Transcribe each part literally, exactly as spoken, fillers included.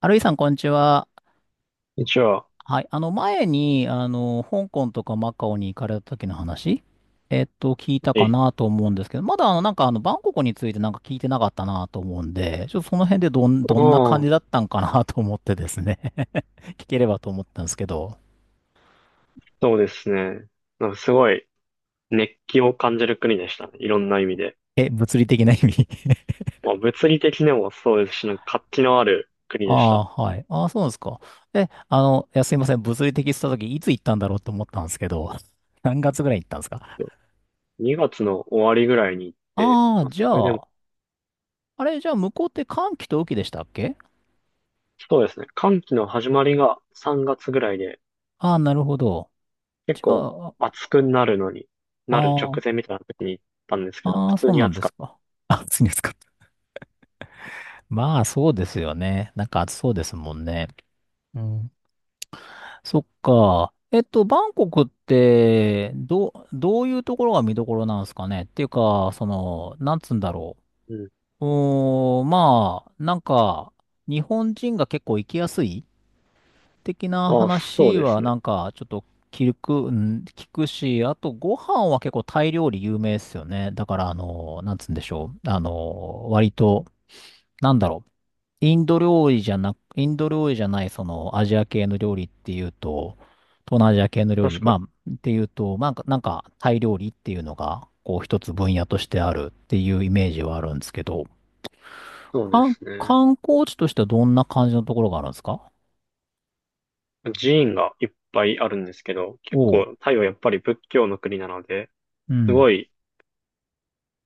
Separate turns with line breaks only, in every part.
ハルイさん、こんにちは。
一応、
はい。あの、前に、あの、香港とかマカオに行かれた時の話、えっと、聞いた
は
か
い。
なと思うんですけど、まだ、あの、なんか、あの、バンコクについてなんか聞いてなかったなと思うんで、ちょっとその辺でどん、どんな感じ
あ
だっ
あ
たんかなと思ってですね 聞ければと思ったんですけど。
そうですね。なんかすごい熱気を感じる国でしたね。いろんな意味で。
え、物理的な意味
まあ、物理的にもそうですし、なんか活気のある国
あ
でした。
あ、はい。ああ、そうなんですか。え、あの、いや、すいません。物理的って言った時、いつ行ったんだろうと思ったんですけど、何月ぐらい行ったんですか？
にがつの終わりぐらいに行って、
ああ、
まあ、
じゃ
それでも、
あ、あれ、じゃあ、向こうって寒気と雨季でしたっけ？
そうですね。寒気の始まりがさんがつぐらいで、
ああ、なるほど。
結
じゃ
構
あ、あ
暑くなるのに、なる直
あ、
前みたいな時に行ったんですけど、
あ
普
あ、
通
そう
に
なん
暑
です
かっ
か。あ、暑いんですか。まあ、そうですよね。なんか暑そうですもんね。うん。そっか。えっと、バンコクって、ど、どういうところが見どころなんですかね。っていうか、その、なんつうんだろ
た。うん。
う。うーん、まあ、なんか、日本人が結構行きやすい的な
ああ、そう
話
で
は
すね。
なんかちょっと聞く、うん、聞くし、あとご飯は結構タイ料理有名ですよね。だからあの、なんつうんでしょう。あの、割と、なんだろう。インド料理じゃな、インド料理じゃないそのアジア系の料理っていうと、東南アジア系の料理、
確か
ま
に。
あ、っていうと、まあ、なんかなんかタイ料理っていうのが、こう一つ分野としてあるっていうイメージはあるんですけど、
そうで
観
すね。
観光地としてはどんな感じのところがあるんですか？
寺院がいっぱいあるんですけど、結
おう。
構タイはやっぱり仏教の国なので、
う
す
ん。
ごい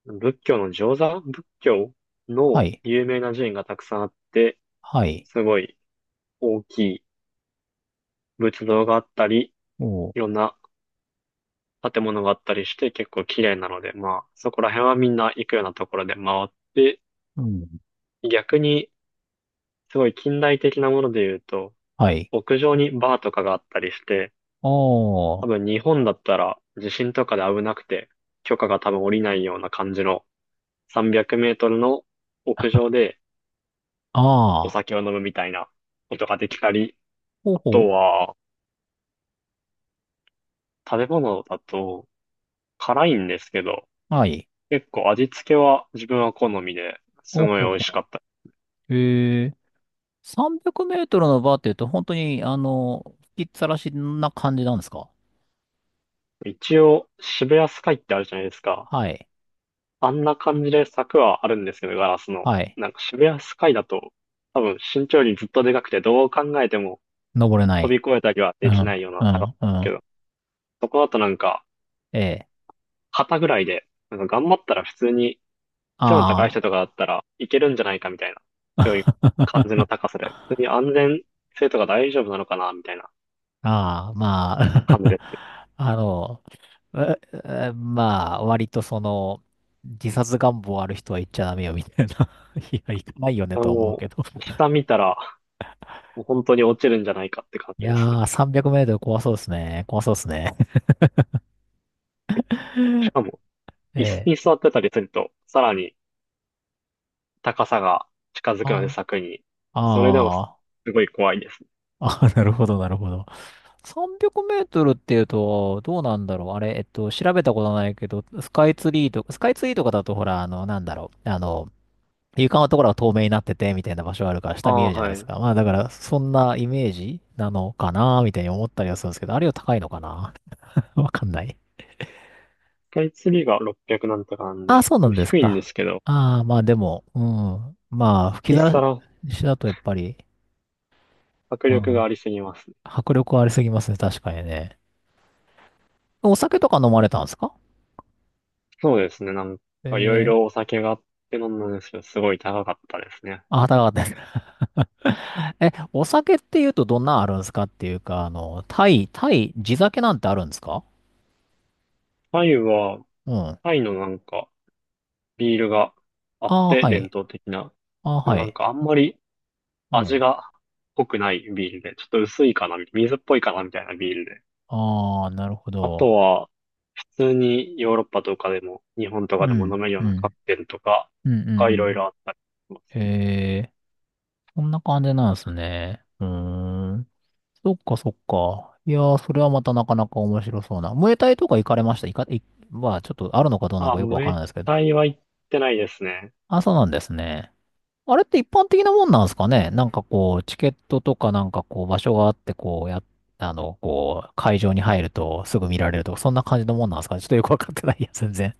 仏教の上座仏教
は
の
い。
有名な寺院がたくさんあって、
はい。
すごい大きい仏像があったり、
おう、
いろんな建物があったりして結構綺麗なので、まあそこら辺はみんな行くようなところで回って、
うん。
逆にすごい近代的なもので言うと、
はい。
屋上にバーとかがあったりして、
お
多
ー、
分日本だったら地震とかで危なくて、許可が多分下りないような感じのさんびゃくメートルの屋上で
あ
お
あ、
酒を飲むみたいなことができたり、
ほう
あ
ほう。
とは、食べ物だと辛いんですけど、
はい。
結構味付けは自分は好みです
ほう
ごい
ほう
美味し
ほ
かった。
う。えー、さんびゃくメートルのバーって言うと、本当に、あの、吹きっさらしな感じなんですか？
一応、渋谷スカイってあるじゃないですか。
はい。
あんな感じで柵はあるんですけど、ガラスの。
はい。
なんか渋谷スカイだと、多分身長よりずっとでかくて、どう考えても
登れな
飛び
い。
越えたりは
う
できな
ん、
いような
う
高さだ
ん、う
け
ん。
ど、そこだとなんか、
ええ。
肩ぐらいで、なんか頑張ったら普通に背の高い
あ
人とかだったらいけるんじゃないかみたいな、そういう
あ。
感じの 高さで、普通に安全性とか大丈夫なのかなみたいな
ああ、ま
感じ
あ。
ですね。
あの、ええまあ、割とその、自殺願望ある人は行っちゃダメよ、みたいな。いや、行かないよね、
あ
とは思う
も
けど。
う、下見たら、もう本当に落ちるんじゃないかって感
い
じ
や
ですね。
ー、さんびゃくメートル怖そうですね。怖そうですね。
し かも、椅子
ええ。
に座ってたりすると、さらに高さが近づくので
あ
柵に、それでもす
あ、
すごい怖いです。
ああ、なるほど、なるほど。さんびゃくメートルっていうと、どうなんだろう。あれ、えっと、調べたことないけど、スカイツリーとか、スカイツリーとかだと、ほら、あの、なんだろう。あの、床のところが透明になってて、みたいな場所があるから、
あ
下見え
あ、
るじゃない
は
ですか。
い。
まあ、だから、そんなイメージなのかな、みたいに思ったりはするんですけど、あれは高いのかな わかんない。
スカイツリーがろっぴゃくなんとかなん
ああ、
で、
そうなんです
低いんで
か。
すけど、
ああ、まあでも、うん。まあ、吹き
一
出
皿
しだとやっぱり、
迫
う
力が
ん。
ありすぎます。
迫力ありすぎますね、確かにね。お酒とか飲まれたんですか？
そうですね。なん
え
かいろい
ー、
ろお酒があって飲んだんですけど、すごい高かったですね。
あ、高かったです。え、お酒って言うとどんなあるんですかっていうか、あの、タイ、タイ、地酒なんてあるんですか？
タイは、
うん。あ
タイのなんかビールがあっ
あ、
て
は
伝
い。
統的な。
ああ、
でも
は
なん
い。
かあんまり
う
味
ん。
が濃くないビールで、ちょっと薄いかな、水っぽいかなみたいなビールで。
ああ、なるほ
あ
ど。
とは、普通にヨーロッパとかでも、日本と
う
かでも
ん、
飲めるよう
う
なカ
ん、
クテルとか
うん、う
が
ん、う
いろい
ん。
ろあったりしますね。
えー、そんな感じなんですね。うーん。そっかそっか。いやー、それはまたなかなか面白そうな。ムエタイとか行かれました行か、い、まあ、ちょっとあるのかどうなの
あ、
かよくわ
ム
から
エ
ないですけど。
タイは行ってないですね。
あ、そうなんですね。あれって一般的なもんなんですかね？なんかこう、チケットとかなんかこう、場所があって、こう、や、あの、こう、会場に入るとすぐ見られるとか、そんな感じのもんなんですかね ちょっとよくわかってないや、全然。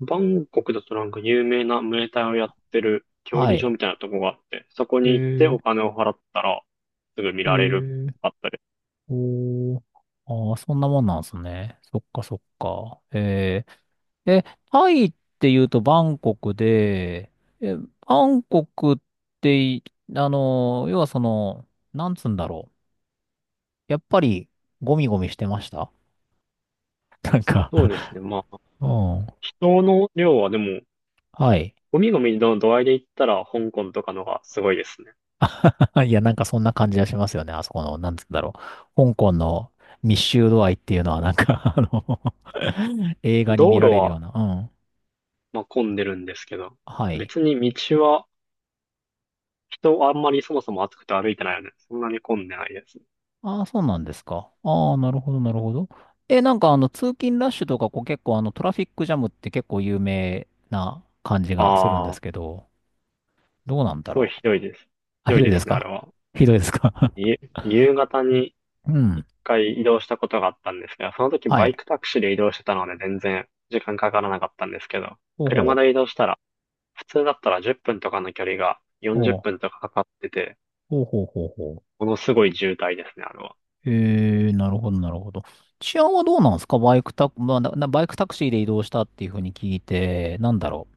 バンコクだとなんか有名なムエタイをやってる競
は
技場
い。
みたいなとこがあって、そこ
え
に行って
ー、
お金を払ったらすぐ見
え
られる
ー、
かったり。
おー。ああ、そんなもんなんですね。そっかそっか。ええ、タイって言うとバンコクで、え、バンコクってい、あの、要はその、なんつうんだろう。やっぱり、ゴミゴミしてました なんか、
そうですね。まあ、
うん。
人の量はでも、
はい。
ゴミゴミの度合いで言ったら香港とかのがすごいですね。
いや、なんかそんな感じがしますよね。あそこの、なんつうんだろう。香港の密集度合いっていうのは、なんか、あの 映画に見
道
ら
路
れるよう
は、
な。うん。
まあ、混んでるんですけど、
はい。
別に道は人あんまりそもそも暑くて歩いてないよね。そんなに混んでないです。
ああ、そうなんですか。ああ、なるほど、なるほど。え、なんかあの、通勤ラッシュとか、こう結構あの、トラフィックジャムって結構有名な感じがするんで
あ
すけ
あ、
ど、どうなん
す
だ
ごい
ろ
ひ
う。
どいです。ひ
あ、ひ
どい
どい
で
です
すね、あれ
か
は。
ひどいですか
い夕方に
うん。
一回移動したことがあったんですけど、その時
は
バイ
い。
クタクシーで移動してたので全然時間かからなかったんですけど、
ほうほ
車で
う。
移動したら、普通だったらじゅっぷんとかの距離が
お
40
う
分とかかかってて、
ほうほうほうほ
ものすごい渋滞ですね、あれは。
う。えー、なるほど、なるほど。治安はどうなんですか？バイクタク、まあ、な、なバイクタクシーで移動したっていうふうに聞いて、なんだろう。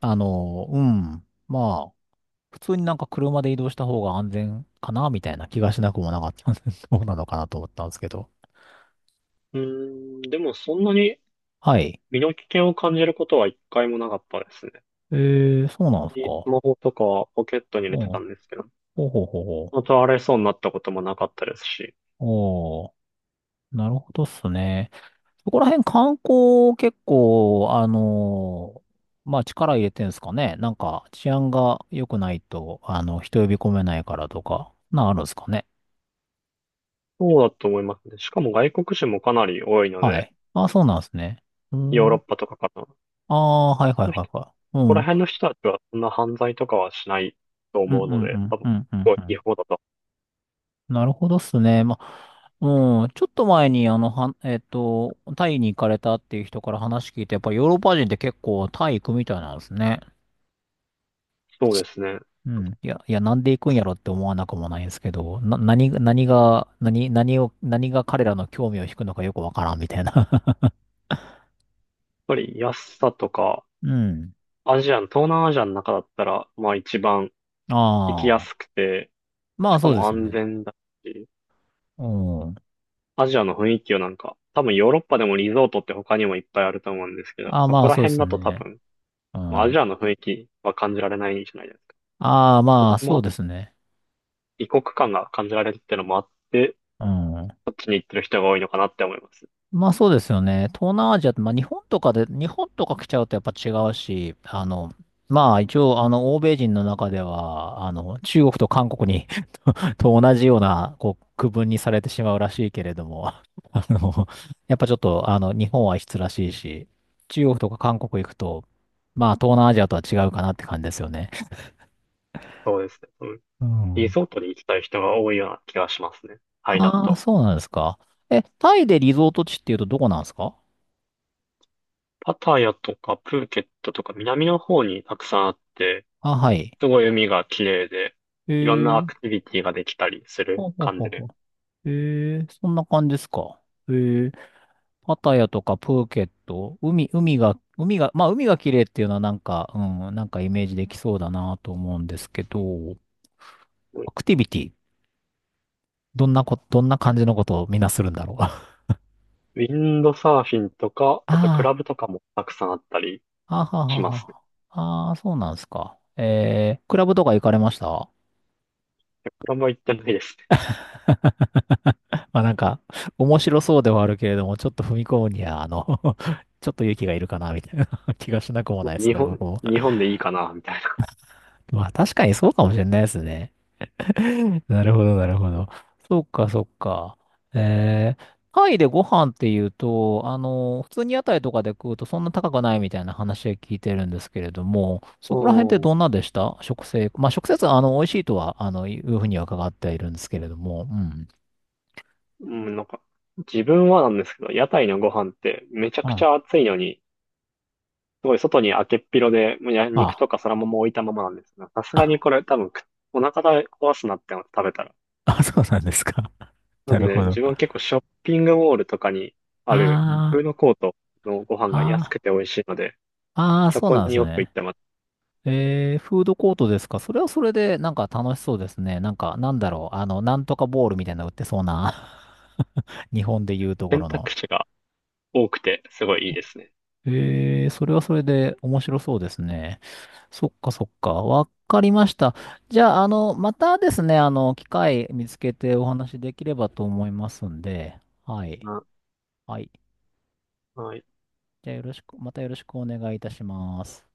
あの、うん。まあ。普通になんか車で移動した方が安全かなみたいな気がしなくもなかったんで、そうなのかなと思ったんですけど。
うーん、でもそんなに
はい。
身の危険を感じることは一回もなかったですね。
えー、そうなんですか。
スマホとかはポケットに入
う
れ
ん。
てたんですけど、
ほうほうほうほう。
倒れそうになったこともなかったですし、
おー、なるほどっすね。そこら辺観光結構、あのーまあ力入れてんすかね。なんか治安が良くないと、あの、人呼び込めないからとか、なんあるんですかね。
そうだと思いますね。しかも外国人もかなり多いの
は
で、
い。あ、そうなんですね。うー
ヨーロ
ん。
ッパとかから
ああ、はいはい
のこ
はいはい。う
こ
ん。う
ら
ん
辺の人たちはそんな犯罪とかはしないと
うんう
思うので、
ん
多分、
う
す
んうん
ご
う
い違
ん。
法だと。
なるほどっすね。まあ、うん、ちょっと前に、あの、は、えっと、タイに行かれたっていう人から話聞いて、やっぱりヨーロッパ人って結構タイ行くみたいなんですね。
そうですね。やっ
うん。いや、いや、なんで行くんやろって思わなくもないんですけど、な、何が、何が、何、何を、何が彼らの興味を引くのかよくわからんみたいな。
ぱり安さとか、
うん。
アジアの、東南アジアの中だったら、まあ一番行きや
あ
す
あ。
くて、
ま
し
あ
か
そうで
も
す
安
ね。
全だし、
うん。
アジアの雰囲気をなんか、多分ヨーロッパでもリゾートって他にもいっぱいあると思うんですけど、
ああ、
そ
ま
こ
あ
ら
そうで
辺
す
だと多
ね。
分、
う
まあ、アジ
ん。
アの雰囲気は感じられないんじゃないですか。
ああ、
こ
ま
こ
あそう
も
ですね。
異国感が感じられるってのもあって、
うん。
そっちに行ってる人が多いのかなって思います。
まあそうですよね。東南アジアって、まあ日本とかで、日本とか来ちゃうとやっぱ違うし、あの、まあ一応、あの、欧米人の中では、あの、中国と韓国に と同じような、こう、区分にされてしまうらしいけれども、あの、やっぱちょっと、あの、日本は異質らしいし、中国とか韓国行くと、まあ東南アジアとは違うかなって感じですよね。
そうですね。うん、
う
リ
ん。
ゾートに行きたい人が多いような気がしますね。タイだ
ああ、
と。
そうなんですか。え、タイでリゾート地っていうとどこなんですか？
パタヤとかプーケットとか南の方にたくさんあって、
あ、はい。
すごい海が綺麗で、いろん
へ
な
え。
アクティビティができたりする
ほうほう
感
ほう
じで。
ほう。ええ、そんな感じですか。ええ、パタヤとかプーケット、海、海が、海が、まあ海が綺麗っていうのはなんか、うん、なんかイメージできそうだなと思うんですけど、
ウ
アクティビティ、どんなこ、どんな感じのことをみんなするんだろう。あ
ィンドサーフィンとか、あとクラ
あ、
ブとかもたくさんあったり
あは
し
は
ますね。
は。ああ、そうなんですか。ええ、クラブとか行かれました
クラブは行ってないです
まあなんか、面白そうではあるけれども、ちょっと踏み込むには、あの ちょっと勇気がいるかな、みたいな 気がしなくも
ね。
ないです
日
ね、
本、
僕も。
日本でいいかな、みたいな。
まあ確かにそうかもしれないですね。なるほど、なるほど。そっか、そっか。えー、タイでご飯っていうと、あの、普通に屋台とかで食うとそんな高くないみたいな話は聞いてるんですけれども、そこら辺って
う
ど
ん。
んなでした。食生、まあ食生活はあの、美味しいとは、あの、いうふうには伺っているんですけれども、うん。
うん、なんか、自分はなんですけど、屋台のご飯ってめちゃくち
あ、
ゃ暑いのに、すごい外に開けっ広で、もうや肉
あ、
とかそらもも置いたままなんですが、さすがに
あ、
これ多分くお腹壊すなって思って食べたら。
あ、そうなんですか。
な
な
の
るほ
で
ど。
自分は結構ショッピングモールとかにあるフ
あ
ードコートのご飯
あ、
が安
あ
くて美味しいので、
あ、ああ、
そ
そう
こ
なんで
に
す
よく行
ね。
ってます。
えー、フードコートですか。それはそれで、なんか楽しそうですね。なんか、なんだろう。あの、なんとかボールみたいなの売ってそうな。日本で言うとこ
選
ろの。
択肢が多くてすごいいいですね。
えー、それはそれで面白そうですね。そっかそっか。わかりました。じゃあ、あの、またですね、あの、機会見つけてお話できればと思いますんで。はい。
な、
はい。
はい。
じゃあ、よろしく、またよろしくお願いいたします。